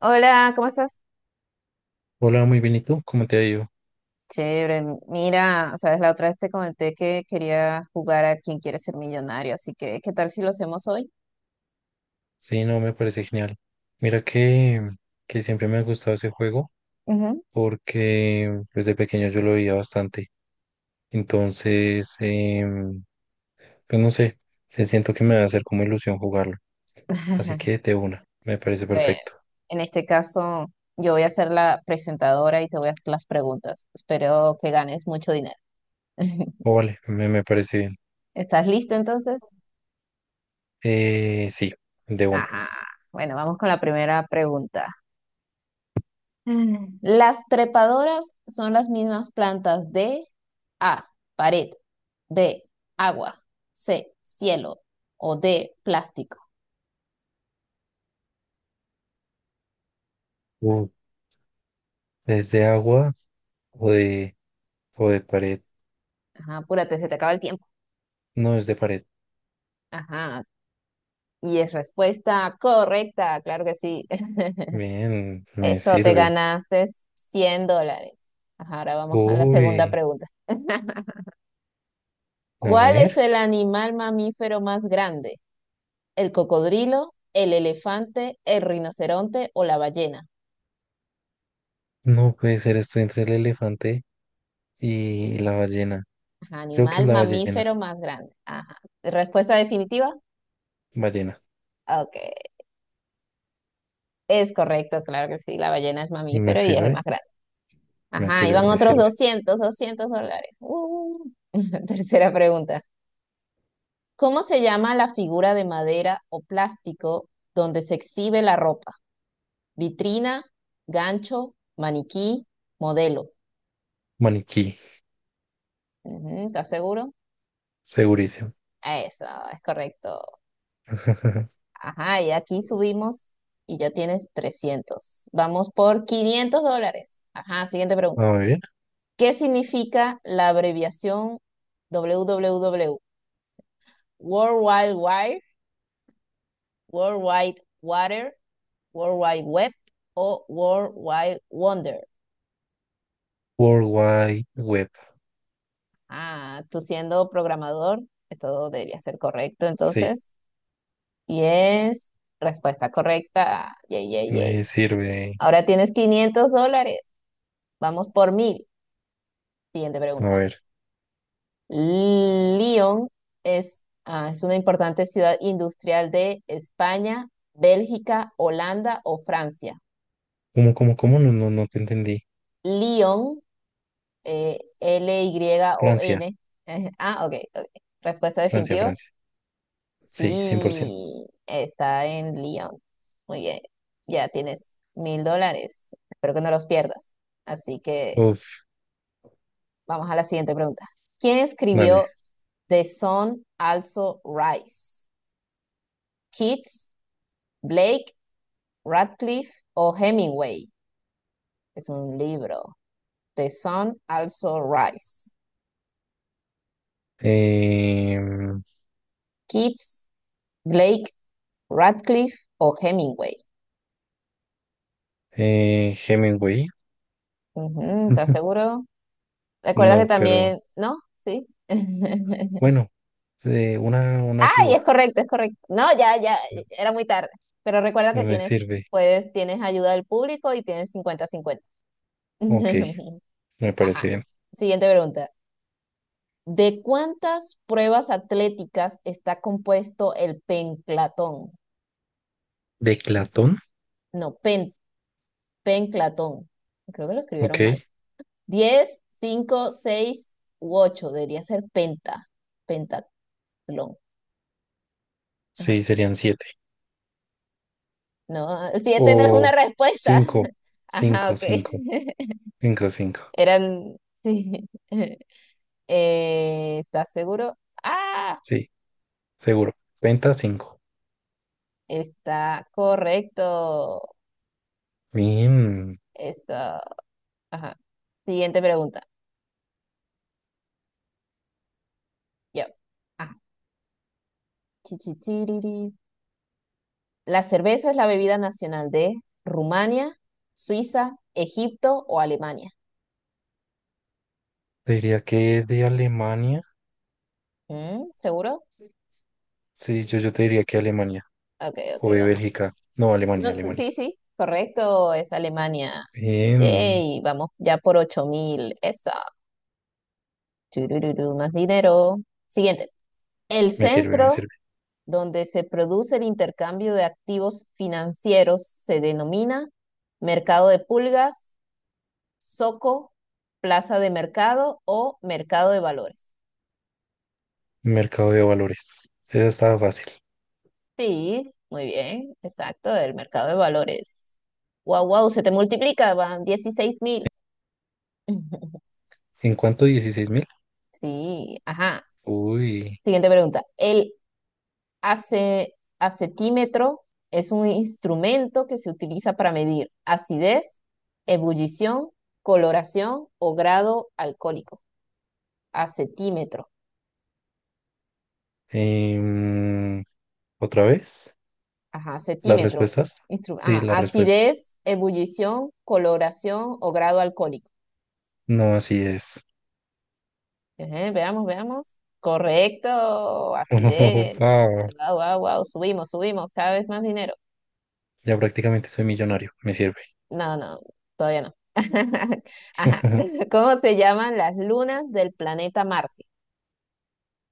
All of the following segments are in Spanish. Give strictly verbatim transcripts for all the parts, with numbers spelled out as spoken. Hola, ¿cómo estás? Hola, muy bien, ¿y tú? ¿Cómo te ha ido? Chévere. Mira, sabes, la otra vez te comenté que quería jugar a Quién quiere ser millonario, así que ¿qué tal si lo hacemos hoy? Sí, no, me parece genial. Mira que, que siempre me ha gustado ese juego Ujú. porque desde pequeño yo lo veía bastante. Entonces, em, pues no sé, se siento que me va a hacer como ilusión jugarlo. Así que de una, me parece Bueno, perfecto. en este caso yo voy a ser la presentadora y te voy a hacer las preguntas. Espero que ganes mucho dinero. O vale, me, me parece bien. ¿Estás listo entonces? Eh, sí, de una. Ajá. Bueno, vamos con la primera pregunta. Mm. Las trepadoras son las mismas plantas de A, pared; B, agua; C, cielo; o D, plástico. Uh, ¿es de agua o de, o de pared? Ajá, apúrate, se te acaba el tiempo. No, es de pared. Ajá, y es respuesta correcta, claro que sí. Bien, me Eso te sirve. ganaste cien dólares. Ajá, ahora vamos a la segunda Uy, pregunta. a ¿Cuál es ver. el animal mamífero más grande? ¿El cocodrilo, el elefante, el rinoceronte o la ballena? No puede ser, estoy entre el elefante y la ballena. Ajá, Creo que es animal la ballena. mamífero más grande. Ajá. Respuesta definitiva. Ballena. Ok, es correcto, claro que sí, la ballena es ¿Me mamífero y es el más sirve? grande. Me Ajá, iban sirve, me otros sirve. doscientos, doscientos dólares. Uh. Tercera pregunta. ¿Cómo se llama la figura de madera o plástico donde se exhibe la ropa? Vitrina, gancho, maniquí, modelo. Maniquí, Ujú, ¿estás seguro? segurísimo. Eso, es correcto. Ajá, y aquí subimos y ya tienes trescientos. Vamos por quinientos dólares. Ajá, siguiente pregunta. A ver. ¿Qué significa la abreviación doble u doble u doble u? World Wide Wire, World Wide Water, World Wide Web o World Wide Wonder. World Wide Web. Ah, tú siendo programador, esto debería ser correcto Sí, entonces. Y es respuesta correcta. Yay, yay, yay. me sirve. Ahora tienes quinientos dólares. Vamos por mil. Siguiente A pregunta. ver. Lyon es, ah, es una importante ciudad industrial de España, Bélgica, Holanda o Francia. ¿Cómo, cómo, cómo? No, no, no te entendí. Lyon, eh, Francia, L Y O N. eh, ah, ok, ok. Respuesta Francia, definitiva. Francia. Sí, cien por ciento. Sí, está en Lyon. Muy bien. Ya tienes mil dólares. Espero que no los pierdas. Así que Uf, vamos a la siguiente pregunta. ¿Quién dale. escribió The Sun Also Rise? ¿Keats, Blake, Radcliffe o Hemingway? Es un libro. The Sun Also Rise. Em, Keats, Blake, Radcliffe o Hemingway. eh, Hemingway. Ujú, ¿estás seguro? Recuerda que No, pero también, ¿no? Sí. bueno, eh, una, una Ay, ayuda es correcto, es correcto. No, ya, ya, era muy tarde. Pero recuerda que me tienes, sirve. puedes, tienes ayuda del público y tienes cincuenta cincuenta. Ok, me parece Ajá. bien. Siguiente pregunta. ¿De cuántas pruebas atléticas está compuesto el penclatón? De Platón, No, pen, penclatón. Creo que lo ok, escribieron mal. Diez, cinco, seis u ocho. Debería ser penta, pentatlón. Ajá. sí, serían siete. No, siete no es O una respuesta. cinco, Ajá, cinco, ok. cinco, cinco, cinco. Eran, sí. Eh, ¿estás seguro? Ah, Sí, seguro. Penta cinco. está correcto. Bien. Eso. Ajá. Siguiente pregunta. Yo. Ajá. La cerveza es la bebida nacional de Rumania, Suiza, Egipto o Alemania. Te diría que de Alemania. Mm, ¿seguro? Sí, yo, yo te diría que Alemania. Ok, ok, O de vamos. Bélgica. No, Alemania, No, Alemania. sí, sí, correcto, es Alemania. Bien. Yay, vamos ya por ocho mil. Esa. Turururu, más dinero. Siguiente. El Me sirve, me centro sirve. donde se produce el intercambio de activos financieros se denomina mercado de pulgas, zoco, plaza de mercado o mercado de valores. Mercado de valores. Esa estaba fácil. Sí, muy bien, exacto, del mercado de valores. Wow, wow, se te multiplica, van dieciséis mil. ¿En cuánto? Dieciséis mil. Sí, ajá. Uy. Siguiente pregunta. El ace- acetímetro es un instrumento que se utiliza para medir acidez, ebullición, coloración o grado alcohólico. Acetímetro. Em, ¿otra vez? Ajá, ¿Las acetímetro. respuestas? Instru- Sí, ajá, las respuestas. acidez, ebullición, coloración o grado alcohólico. No, así es. Ajá, veamos, veamos. Correcto, acidez. Wow, Wow, wow, wow. Subimos, subimos, cada vez más dinero. ya prácticamente soy millonario, me sirve. No, no, todavía no. Ajá. ¿Cómo se llaman las lunas del planeta Marte?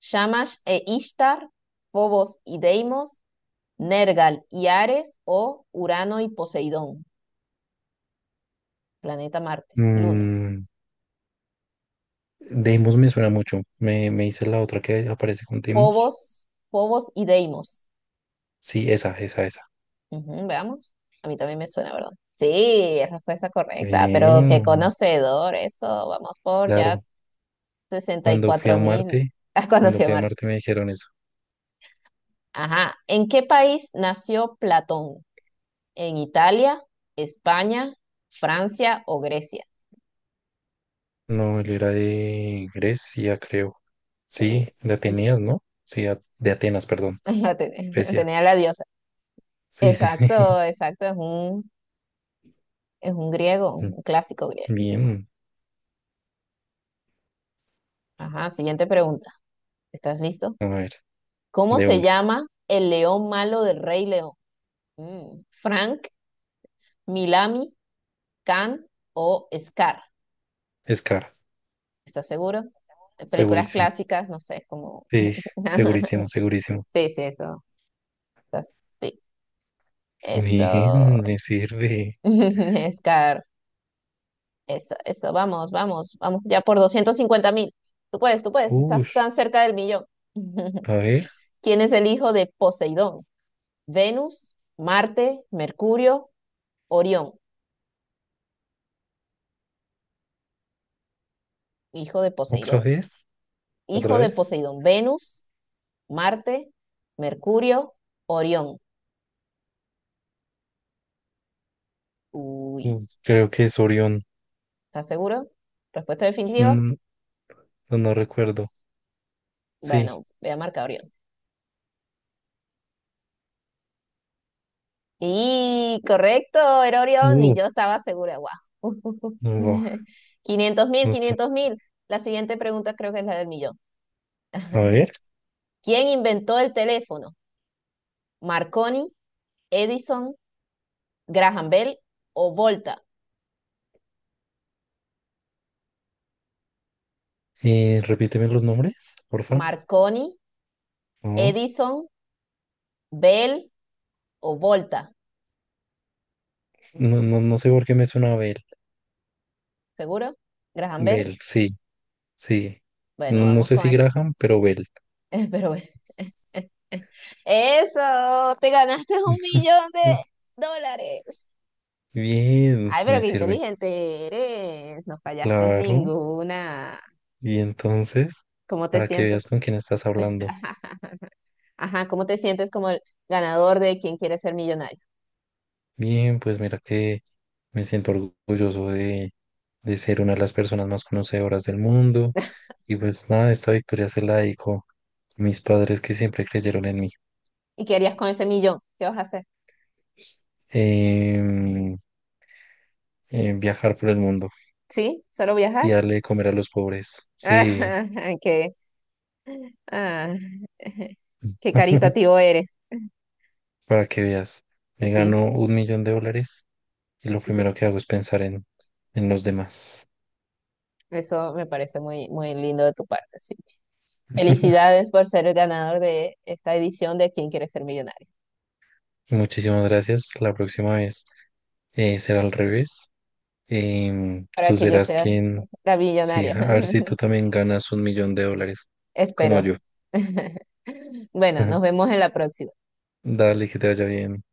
Shamash e Ishtar, Phobos y Deimos, Nergal y Ares o Urano y Poseidón. Planeta Marte, lunas. Mm, Deimos me suena mucho. Me, me hice la otra que aparece con Deimos. Phobos, Phobos y Deimos. Sí, esa, esa, esa. Ujú, veamos. A mí también me suena, ¿verdad? Sí, es respuesta correcta, pero qué Bien, conocedor, eso. Vamos por ya claro. sesenta y Cuando fui cuatro a mil Marte, Cuando cuando fui a fui a Marte. Marte me dijeron eso. Ajá. ¿En qué país nació Platón? ¿En Italia, España, Francia o Grecia? No, él era de Grecia, creo. Sí, Sí, de Atenas, ¿no? Sí, a- de Atenas, perdón. la ten- Grecia. tenía la diosa. Sí, sí. Exacto, exacto. Es un, es un griego, sí. un clásico griego. Bien. Ajá. Siguiente pregunta. ¿Estás listo? A ver, ¿Cómo de se una. llama el león malo del Rey León? Mm, Frank, Milami, Can o Scar. Es cara, ¿Estás seguro? Eh, Películas segurísimo. clásicas, no sé, como... Sí, segurísimo, segurísimo. Sí, sí, eso. Estás- Sí, eso. Bien, me sirve. Scar, eso, eso. Vamos, vamos, vamos ya por doscientos cincuenta mil. Tú puedes, tú puedes. Estás Ush, tan cerca del millón. a ver, ¿Quién es el hijo de Poseidón? Venus, Marte, Mercurio, Orión. Hijo de otra Poseidón. vez, otra Hijo de vez. Poseidón. Venus, Marte, Mercurio, Orión. Uy, Uf, creo que es Orión. ¿estás seguro? ¿Respuesta definitiva? Mm, No, no recuerdo. Sí. Bueno, voy a marcar Orión. Y correcto, era Orión y Uf, yo estaba segura. ¡Guau! wow, Quinientos mil, no está. quinientos mil. La siguiente pregunta creo que es la del millón. A ver, ¿Quién inventó el teléfono? ¿Marconi, Edison, Graham Bell o Volta? eh, repíteme los nombres, porfa. Marconi, No, Edison, Bell o Volta. no, no, no sé por qué me suena a Bell. ¿Seguro? ¿Graham Bell? Bell, sí, sí. Bueno, No, no vamos sé con si eso. Graham, pero Bell. Pero bueno. Eso, te ganaste un millón de dólares. Bien, Ay, pero me qué sirve. inteligente eres. No fallaste Claro. ninguna. Y entonces, ¿Cómo te para que veas sientes? con quién estás hablando. Ajá, ¿cómo te sientes como el ganador de quien quiere ser millonario? Bien, pues mira que me siento orgulloso de, de ser una de las personas más conocedoras del mundo. Y pues nada, esta victoria se la dedico a mis padres que siempre creyeron en mí. ¿Y qué harías con ese millón? ¿Qué vas a hacer? Em, em, viajar por el mundo ¿Sí? ¿Solo y viajar? darle de comer a los pobres. Sí, Ajá, qué, ah, qué caritativo eres. para que veas. Me Sí, gano un millón de dólares y lo sí, primero que hago es pensar en, en los demás. eso me parece muy, muy lindo de tu parte. Sí. Felicidades por ser el ganador de esta edición de quién quiere ser millonario. Muchísimas gracias. La próxima vez eh, será al revés. Em, para tú que yo serás sea quien la sí, millonaria. a ver si tú también ganas un millón de dólares, como Espero. yo. Bueno, nos vemos en la próxima. Dale, que te vaya bien.